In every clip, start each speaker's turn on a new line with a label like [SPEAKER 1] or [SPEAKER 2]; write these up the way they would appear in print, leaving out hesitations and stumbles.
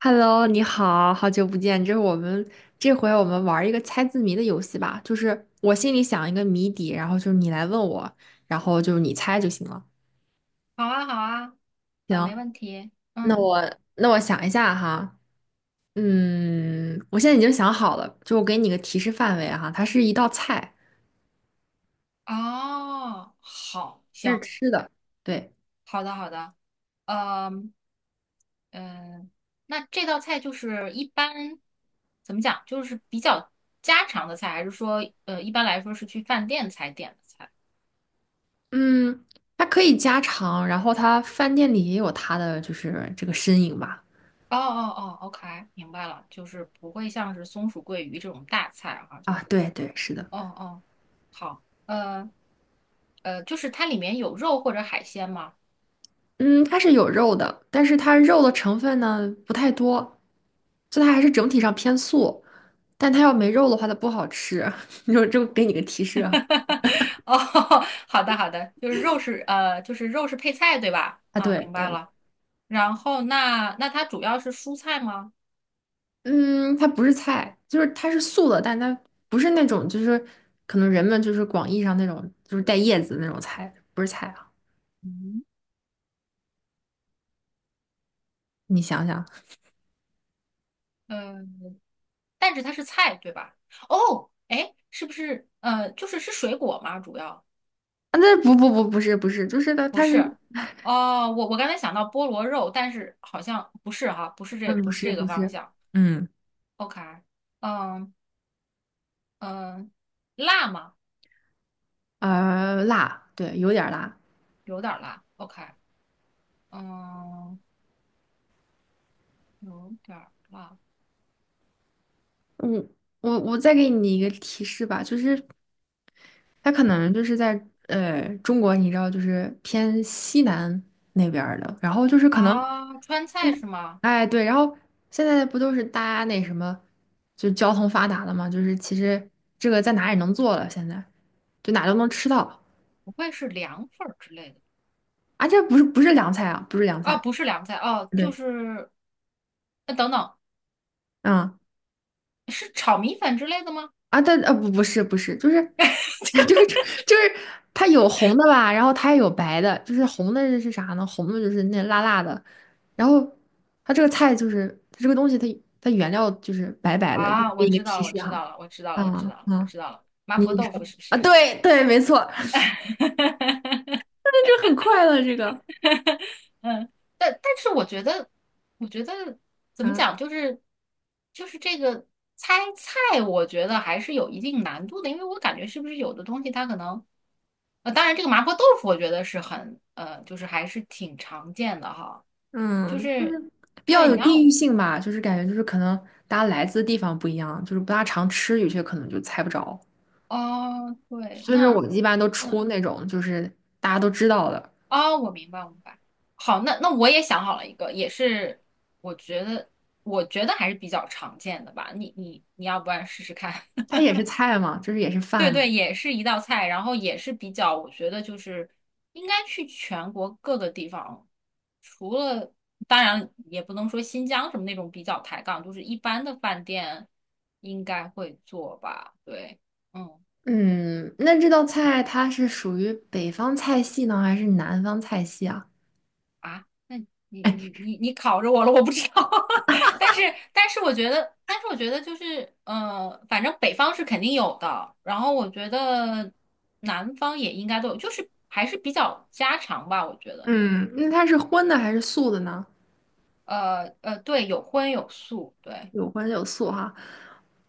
[SPEAKER 1] Hello，你好，好久不见。这回我们玩一个猜字谜的游戏吧，就是我心里想一个谜底，然后就是你来问我，然后就是你猜就行了。
[SPEAKER 2] 好啊，好啊，啊，没
[SPEAKER 1] 行，
[SPEAKER 2] 问题。
[SPEAKER 1] 那
[SPEAKER 2] 嗯，
[SPEAKER 1] 我那我想一下哈。嗯，我现在已经想好了，就我给你个提示范围哈。它是一道菜，
[SPEAKER 2] 哦，好，
[SPEAKER 1] 它是
[SPEAKER 2] 行，
[SPEAKER 1] 吃的，对。
[SPEAKER 2] 好的，好的。嗯嗯，那这道菜就是一般怎么讲，就是比较家常的菜，还是说一般来说是去饭店才点的菜？
[SPEAKER 1] 嗯，它可以家常，然后它饭店里也有它的就是这个身影吧。
[SPEAKER 2] 哦哦哦，OK，明白了，就是不会像是松鼠桂鱼这种大菜哈、就
[SPEAKER 1] 啊，对对，是的。
[SPEAKER 2] 哦哦，好，就是它里面有肉或者海鲜吗？
[SPEAKER 1] 嗯，它是有肉的，但是它肉的成分呢不太多，就它还是整体上偏素。但它要没肉的话，它不好吃。你说这给你个提示哈。
[SPEAKER 2] 哦，好的好的，就是肉是呃，就是肉是配菜对吧？
[SPEAKER 1] 啊，
[SPEAKER 2] 啊，
[SPEAKER 1] 对
[SPEAKER 2] 明白
[SPEAKER 1] 对。
[SPEAKER 2] 了。然后那它主要是蔬菜吗？
[SPEAKER 1] 嗯，它不是菜，就是它是素的，但它不是那种就是可能人们就是广义上那种就是带叶子的那种菜，不是菜啊。
[SPEAKER 2] 嗯，
[SPEAKER 1] 你想想。
[SPEAKER 2] 嗯，但是它是菜对吧？哦，哎，是不是就是是水果吗？主要
[SPEAKER 1] 啊，那不是，就是它
[SPEAKER 2] 不
[SPEAKER 1] 它是。
[SPEAKER 2] 是。哦，我刚才想到菠萝肉，但是好像不是哈，
[SPEAKER 1] 嗯，不
[SPEAKER 2] 不是
[SPEAKER 1] 是
[SPEAKER 2] 这个
[SPEAKER 1] 不
[SPEAKER 2] 方
[SPEAKER 1] 是。
[SPEAKER 2] 向。
[SPEAKER 1] 嗯，
[SPEAKER 2] OK，嗯嗯，辣吗？
[SPEAKER 1] 辣，对，有点儿辣。
[SPEAKER 2] 有点儿辣。OK，嗯，有点儿辣。
[SPEAKER 1] 嗯，我再给你一个提示吧，就是它可能就是在中国，你知道，就是偏西南那边儿的，然后就是可能。
[SPEAKER 2] 啊，川菜是吗？
[SPEAKER 1] 哎对，然后现在不都是大家那什么，就交通发达了嘛，就是其实这个在哪也能做了，现在就哪都能吃到。
[SPEAKER 2] 不会是凉粉儿之类的？
[SPEAKER 1] 啊，这不是不是凉菜啊，不是凉
[SPEAKER 2] 啊，
[SPEAKER 1] 菜，
[SPEAKER 2] 不是凉菜，哦，就
[SPEAKER 1] 对。
[SPEAKER 2] 是，等等，
[SPEAKER 1] 嗯。
[SPEAKER 2] 是炒米粉之类的吗？
[SPEAKER 1] 啊，但不是，就是 就是就是它有红的吧，然后它也有白的。就是红的是啥呢？红的就是那辣辣的，然后它这个菜就是它这个东西它原料就是白白的，就给
[SPEAKER 2] 啊，我
[SPEAKER 1] 你一
[SPEAKER 2] 知
[SPEAKER 1] 个
[SPEAKER 2] 道
[SPEAKER 1] 提
[SPEAKER 2] 了，我
[SPEAKER 1] 示
[SPEAKER 2] 知
[SPEAKER 1] 哈。
[SPEAKER 2] 道了，我知道
[SPEAKER 1] 啊
[SPEAKER 2] 了，我知道了，我
[SPEAKER 1] 啊，
[SPEAKER 2] 知道了，麻
[SPEAKER 1] 你
[SPEAKER 2] 婆
[SPEAKER 1] 你
[SPEAKER 2] 豆腐
[SPEAKER 1] 说
[SPEAKER 2] 是不
[SPEAKER 1] 啊，
[SPEAKER 2] 是？
[SPEAKER 1] 对对，没错。那就很快乐这个。
[SPEAKER 2] 但是我觉得，我觉得怎么
[SPEAKER 1] 啊，
[SPEAKER 2] 讲，就是这个猜菜，我觉得还是有一定难度的，因为我感觉是不是有的东西它可能当然，这个麻婆豆腐我觉得是很，就是还是挺常见的哈。就
[SPEAKER 1] 嗯，
[SPEAKER 2] 是，
[SPEAKER 1] 比较
[SPEAKER 2] 对，
[SPEAKER 1] 有
[SPEAKER 2] 你
[SPEAKER 1] 地
[SPEAKER 2] 要，
[SPEAKER 1] 域性吧，就是感觉就是可能大家来自的地方不一样，就是不大常吃，有些可能就猜不着。
[SPEAKER 2] 哦，对，
[SPEAKER 1] 所以说我
[SPEAKER 2] 那，
[SPEAKER 1] 们一般都
[SPEAKER 2] 那，
[SPEAKER 1] 出那种就是大家都知道的。
[SPEAKER 2] 哦，我明白，我明白。好，那我也想好了一个，也是我觉得，还是比较常见的吧。你要不然试试看？
[SPEAKER 1] 它也是菜嘛，就是也是
[SPEAKER 2] 对
[SPEAKER 1] 饭嘛。
[SPEAKER 2] 对，也是一道菜，然后也是比较，我觉得就是应该去全国各个地方，除了当然也不能说新疆什么那种比较抬杠，就是一般的饭店应该会做吧？对，嗯
[SPEAKER 1] 嗯，那这道菜它是属于北方菜系呢，还是南方菜系啊？
[SPEAKER 2] 那你考着我了，我不知道，但是但是我觉得，就是反正北方是肯定有的，然后我觉得南方也应该都有，就是还是比较家常吧，我觉得。
[SPEAKER 1] 嗯，那它是荤的还是素的呢？
[SPEAKER 2] 对，有荤有素，对。
[SPEAKER 1] 有荤有素哈。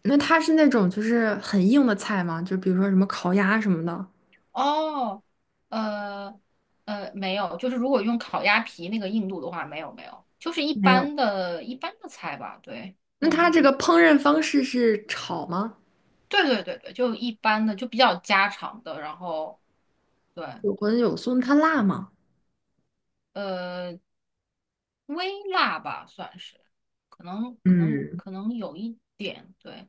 [SPEAKER 1] 那它是那种就是很硬的菜吗？就比如说什么烤鸭什么的。
[SPEAKER 2] 哦，呃没有，就是如果用烤鸭皮那个硬度的话，没有没有，就是一
[SPEAKER 1] 没有。
[SPEAKER 2] 般的一般的菜吧，对，
[SPEAKER 1] 那它
[SPEAKER 2] 嗯，
[SPEAKER 1] 这个烹饪方式是炒吗？
[SPEAKER 2] 对对对对，就一般的，就比较家常的，然后对，
[SPEAKER 1] 有荤有素，那它辣吗？
[SPEAKER 2] 呃，微辣吧算是，
[SPEAKER 1] 嗯，
[SPEAKER 2] 可能有一点，对。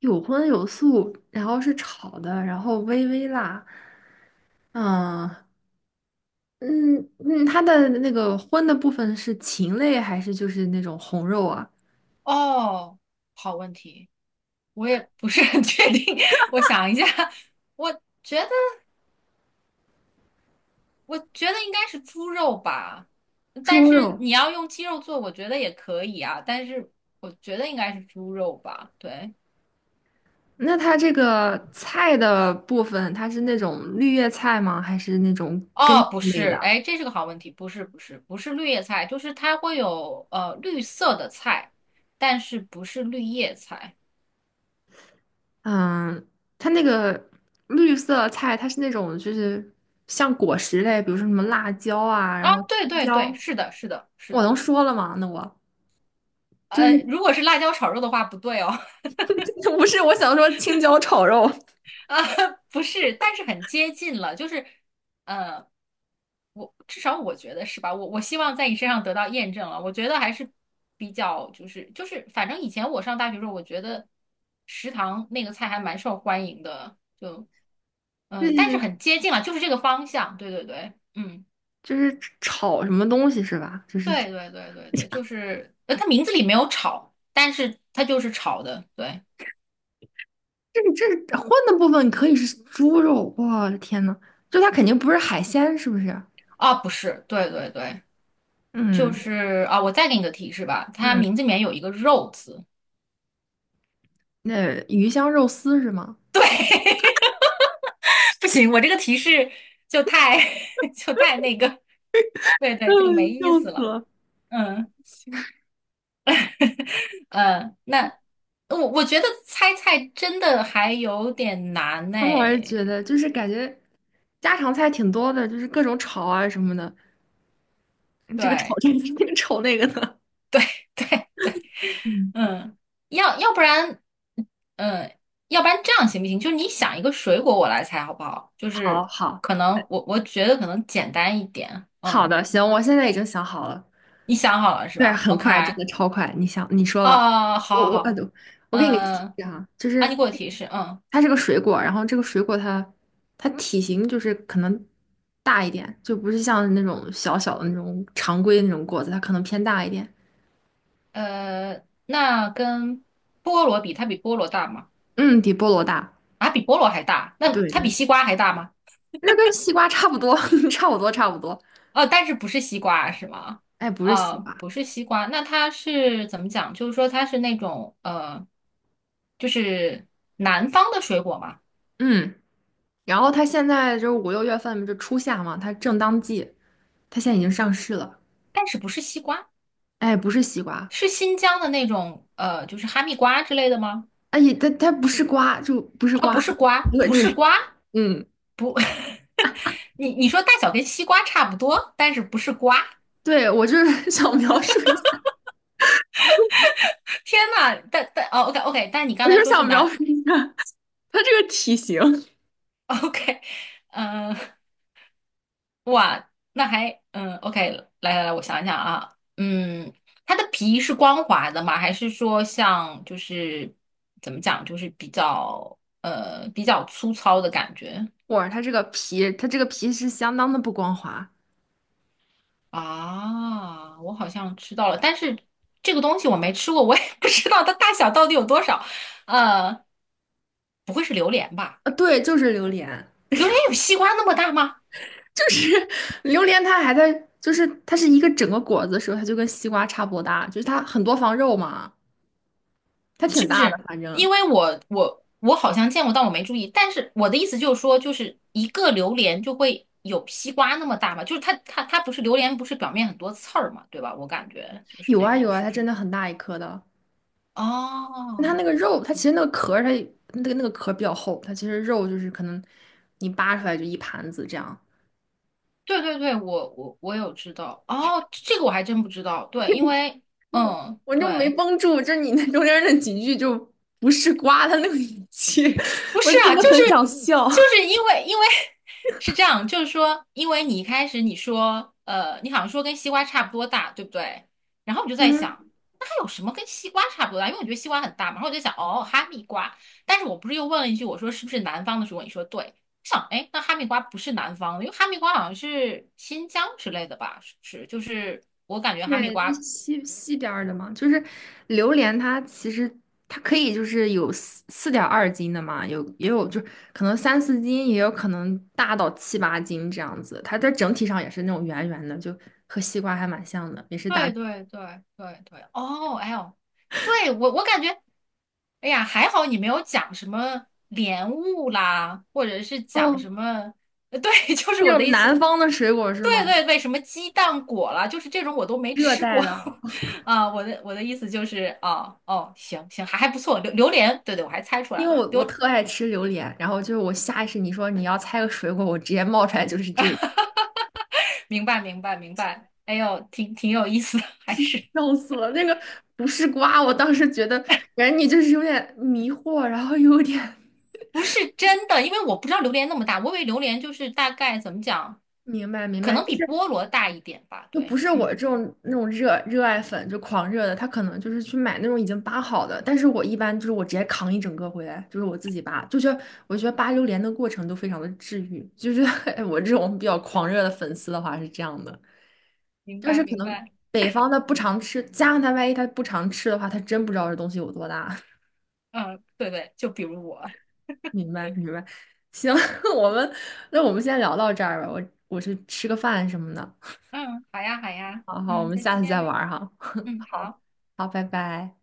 [SPEAKER 1] 有荤有素，然后是炒的，然后微微辣。啊，嗯嗯，它的那个荤的部分是禽类还是就是那种红肉啊？
[SPEAKER 2] 哦，好问题，我也不是很确定，我想一下，我觉得。我觉得应该是猪肉吧，但
[SPEAKER 1] 猪
[SPEAKER 2] 是
[SPEAKER 1] 肉。
[SPEAKER 2] 你要用鸡肉做，我觉得也可以啊。但是我觉得应该是猪肉吧。对，
[SPEAKER 1] 那它这个菜的部分，它是那种绿叶菜吗？还是那种根
[SPEAKER 2] 哦，不
[SPEAKER 1] 茎类
[SPEAKER 2] 是，
[SPEAKER 1] 的？
[SPEAKER 2] 哎，这是个好问题，不是，不是，不是绿叶菜，就是它会有绿色的菜，但是不是绿叶菜
[SPEAKER 1] 嗯，它那个绿色菜，它是那种就是像果实类，比如说什么辣椒啊，
[SPEAKER 2] 啊？
[SPEAKER 1] 然后
[SPEAKER 2] 对
[SPEAKER 1] 青
[SPEAKER 2] 对对，
[SPEAKER 1] 椒。
[SPEAKER 2] 是的，是的，是
[SPEAKER 1] 我能
[SPEAKER 2] 的。
[SPEAKER 1] 说了吗？那我就是
[SPEAKER 2] 如果是辣椒炒肉的话，不对哦，
[SPEAKER 1] 不是我想说青椒炒肉，
[SPEAKER 2] 啊，不是，但是很接近了，就是我至少我觉得是吧？我希望在你身上得到验证了。我觉得还是比较就是，反正以前我上大学的时候，我觉得食堂那个菜还蛮受欢迎的，
[SPEAKER 1] 就
[SPEAKER 2] 但是
[SPEAKER 1] 是
[SPEAKER 2] 很接近了，就是这个方向。对对对，嗯，
[SPEAKER 1] 就是炒什么东西是吧？就是。
[SPEAKER 2] 对对对对对，就是它名字里没有炒，但是它就是炒的，对
[SPEAKER 1] 这这荤的部分可以是猪肉，我的天呐，就它肯定不是海鲜，是不是？
[SPEAKER 2] 啊，不是，对对对，就
[SPEAKER 1] 嗯
[SPEAKER 2] 是啊，我再给你个提示吧，它
[SPEAKER 1] 嗯，
[SPEAKER 2] 名字里面有一个肉字，
[SPEAKER 1] 那鱼香肉丝是吗？
[SPEAKER 2] 对。不行，我这个提示就太 就太那个，对 对，就没
[SPEAKER 1] 嗯，
[SPEAKER 2] 意
[SPEAKER 1] 笑
[SPEAKER 2] 思
[SPEAKER 1] 死
[SPEAKER 2] 了。
[SPEAKER 1] 了。
[SPEAKER 2] 嗯嗯，那我觉得猜菜真的还有点难呢。
[SPEAKER 1] 嗯，我也觉得，就是感觉家常菜挺多的，就是各种炒啊什么的。这个炒
[SPEAKER 2] 对
[SPEAKER 1] 这个，那个炒那个的。
[SPEAKER 2] 对 对对，
[SPEAKER 1] 嗯，
[SPEAKER 2] 嗯，要要不然，嗯，要不然这样行不行？就是你想一个水果，我来猜好不好？就
[SPEAKER 1] 好
[SPEAKER 2] 是
[SPEAKER 1] 好。
[SPEAKER 2] 可能我觉得可能简单一点。
[SPEAKER 1] 好
[SPEAKER 2] 嗯，
[SPEAKER 1] 的，行，我现在已经想好了。
[SPEAKER 2] 你想好了是
[SPEAKER 1] 对，
[SPEAKER 2] 吧
[SPEAKER 1] 很
[SPEAKER 2] ？OK，
[SPEAKER 1] 快，真的超快。你想，你说吧。
[SPEAKER 2] 哦，
[SPEAKER 1] 我
[SPEAKER 2] 好好
[SPEAKER 1] 我呃，
[SPEAKER 2] 好，
[SPEAKER 1] 我给你个提
[SPEAKER 2] 嗯，
[SPEAKER 1] 示哈，就
[SPEAKER 2] 啊，你
[SPEAKER 1] 是
[SPEAKER 2] 给我提示，嗯。
[SPEAKER 1] 它是个水果，然后这个水果它体型就是可能大一点，就不是像那种小小的那种常规那种果子，它可能偏大一点。
[SPEAKER 2] 那跟菠萝比，它比菠萝大吗？
[SPEAKER 1] 嗯，比菠萝大。
[SPEAKER 2] 啊，比菠萝还大？那
[SPEAKER 1] 对
[SPEAKER 2] 它比
[SPEAKER 1] 对，
[SPEAKER 2] 西瓜还大吗？
[SPEAKER 1] 这跟西瓜差不多，差不多差不多。
[SPEAKER 2] 哦，但是不是西瓜是吗？
[SPEAKER 1] 哎，不是西
[SPEAKER 2] 啊，
[SPEAKER 1] 瓜。
[SPEAKER 2] 不是西瓜，那它是怎么讲？就是说它是那种就是南方的水果嘛，
[SPEAKER 1] 嗯。然后它现在就是五六月份就初夏嘛，它正当季，它现在已经上市了。
[SPEAKER 2] 但是不是西瓜，
[SPEAKER 1] 哎，不是西瓜。
[SPEAKER 2] 是新疆的那种就是哈密瓜之类的吗？
[SPEAKER 1] 哎，它不是瓜，就不是
[SPEAKER 2] 啊，不
[SPEAKER 1] 瓜，
[SPEAKER 2] 是瓜，
[SPEAKER 1] 对
[SPEAKER 2] 不是
[SPEAKER 1] 对。
[SPEAKER 2] 瓜，
[SPEAKER 1] 嗯，
[SPEAKER 2] 你说大小跟西瓜差不多，但是不是瓜。
[SPEAKER 1] 对，我就是 想描述一下，
[SPEAKER 2] 天呐，但但哦，OK OK，但你刚
[SPEAKER 1] 我就
[SPEAKER 2] 才
[SPEAKER 1] 是
[SPEAKER 2] 说是
[SPEAKER 1] 想描
[SPEAKER 2] 南
[SPEAKER 1] 述一下它这个体型。
[SPEAKER 2] OK，嗯、那还OK，来来来，我想一想啊，它的皮是光滑的吗？还是说像就是怎么讲，就是比较粗糙的感觉
[SPEAKER 1] 哇，它这个皮，它这个皮是相当的不光滑。
[SPEAKER 2] 啊？我好像知道了，但是这个东西我没吃过，我也 不知道它大小到底有多少。呃，不会是榴莲吧？
[SPEAKER 1] 啊，对，就是榴莲。
[SPEAKER 2] 榴莲有西瓜那么大吗？
[SPEAKER 1] 就是榴莲，它还在，就是它是一个整个果子的时候，它就跟西瓜差不多大，就是它很多房肉嘛，它挺
[SPEAKER 2] 是不
[SPEAKER 1] 大的，
[SPEAKER 2] 是？
[SPEAKER 1] 反正
[SPEAKER 2] 因为我好像见过，但我没注意。但是我的意思就是说，就是一个榴莲就会有西瓜那么大嘛，就是它不是榴莲，不是表面很多刺儿嘛，对吧？我感觉就是
[SPEAKER 1] 有
[SPEAKER 2] 那
[SPEAKER 1] 啊有
[SPEAKER 2] 种，
[SPEAKER 1] 啊，
[SPEAKER 2] 是
[SPEAKER 1] 它
[SPEAKER 2] 不
[SPEAKER 1] 真
[SPEAKER 2] 是？
[SPEAKER 1] 的很大一颗的。它
[SPEAKER 2] 哦，
[SPEAKER 1] 那个肉，它其实那个壳儿，它那个壳儿比较厚，它其实肉就是可能你扒出来就一盘子这样。
[SPEAKER 2] 对对对，我有知道。哦，这个我还真不知道。对，因为
[SPEAKER 1] 我就没
[SPEAKER 2] 对。
[SPEAKER 1] 绷住，就是你那中间那几句就不是瓜它那个语气，
[SPEAKER 2] 不
[SPEAKER 1] 我
[SPEAKER 2] 是
[SPEAKER 1] 真
[SPEAKER 2] 啊，
[SPEAKER 1] 的
[SPEAKER 2] 就是
[SPEAKER 1] 很想笑。
[SPEAKER 2] 就 是因为 是这样，就是说，因为你一开始你说，你好像说跟西瓜差不多大，对不对？然后我就在
[SPEAKER 1] 嗯，
[SPEAKER 2] 想，那还有什么跟西瓜差不多大？因为我觉得西瓜很大嘛。然后我就想，哦，哈密瓜。但是我不是又问了一句，我说是不是南方的时候？你说对。我想，哎，那哈密瓜不是南方的，因为哈密瓜好像是新疆之类的吧？是不是？就是我感觉哈密
[SPEAKER 1] 对，那
[SPEAKER 2] 瓜
[SPEAKER 1] 西边儿的嘛。就是榴莲，它其实它可以就是有四点二斤的嘛，有也有就是可能三四斤，也有可能大到七八斤这样子。它在整体上也是那种圆圆的，就和西瓜还蛮像的，也是大。
[SPEAKER 2] 对对对对对，哦，哎呦，对我感觉，哎呀，还好你没有讲什么莲雾啦，或者是讲
[SPEAKER 1] 哦，
[SPEAKER 2] 什么，对，就是
[SPEAKER 1] 那
[SPEAKER 2] 我的
[SPEAKER 1] 种
[SPEAKER 2] 意思，
[SPEAKER 1] 南方的水果是
[SPEAKER 2] 对
[SPEAKER 1] 吗？
[SPEAKER 2] 对对，什么鸡蛋果啦，就是这种我都没
[SPEAKER 1] 热
[SPEAKER 2] 吃
[SPEAKER 1] 带
[SPEAKER 2] 过
[SPEAKER 1] 的啊。
[SPEAKER 2] 啊。我的意思就是哦哦，行行，还不错，榴莲，对对，我还猜出来
[SPEAKER 1] 因为
[SPEAKER 2] 了，
[SPEAKER 1] 我特爱吃榴莲，然后就是我下意识你说你要猜个水果，我直接冒出来就是这个。
[SPEAKER 2] 明白明白明白，哎呦，挺有意思的，还是。
[SPEAKER 1] 笑死了。那个不是瓜，我当时觉得感觉你就是有点迷惑，然后又有点
[SPEAKER 2] 不是真的，因为我不知道榴莲那么大，我以为榴莲就是大概怎么讲，
[SPEAKER 1] 明白明
[SPEAKER 2] 可
[SPEAKER 1] 白，
[SPEAKER 2] 能
[SPEAKER 1] 就
[SPEAKER 2] 比
[SPEAKER 1] 是
[SPEAKER 2] 菠萝大一点吧。
[SPEAKER 1] 就不
[SPEAKER 2] 对，
[SPEAKER 1] 是我
[SPEAKER 2] 嗯，
[SPEAKER 1] 这种那种热爱粉就狂热的，他可能就是去买那种已经扒好的，但是我一般就是我直接扛一整个回来，就是我自己扒，就觉得我觉得扒榴莲的过程都非常的治愈，就是 我这种比较狂热的粉丝的话是这样的。
[SPEAKER 2] 明
[SPEAKER 1] 但
[SPEAKER 2] 白
[SPEAKER 1] 是可
[SPEAKER 2] 明
[SPEAKER 1] 能
[SPEAKER 2] 白，
[SPEAKER 1] 北方他不常吃，加上万一他不常吃的话，他真不知道这东西有多大。
[SPEAKER 2] 嗯，对对，就比如我，
[SPEAKER 1] 明白明白。行，我们那我们先聊到这儿吧，我去吃个饭什么的。
[SPEAKER 2] 嗯，好呀好呀，
[SPEAKER 1] 好好，我
[SPEAKER 2] 嗯，
[SPEAKER 1] 们
[SPEAKER 2] 再
[SPEAKER 1] 下次再
[SPEAKER 2] 见，
[SPEAKER 1] 玩儿哈。
[SPEAKER 2] 嗯，
[SPEAKER 1] 好。
[SPEAKER 2] 好。
[SPEAKER 1] 好，拜拜。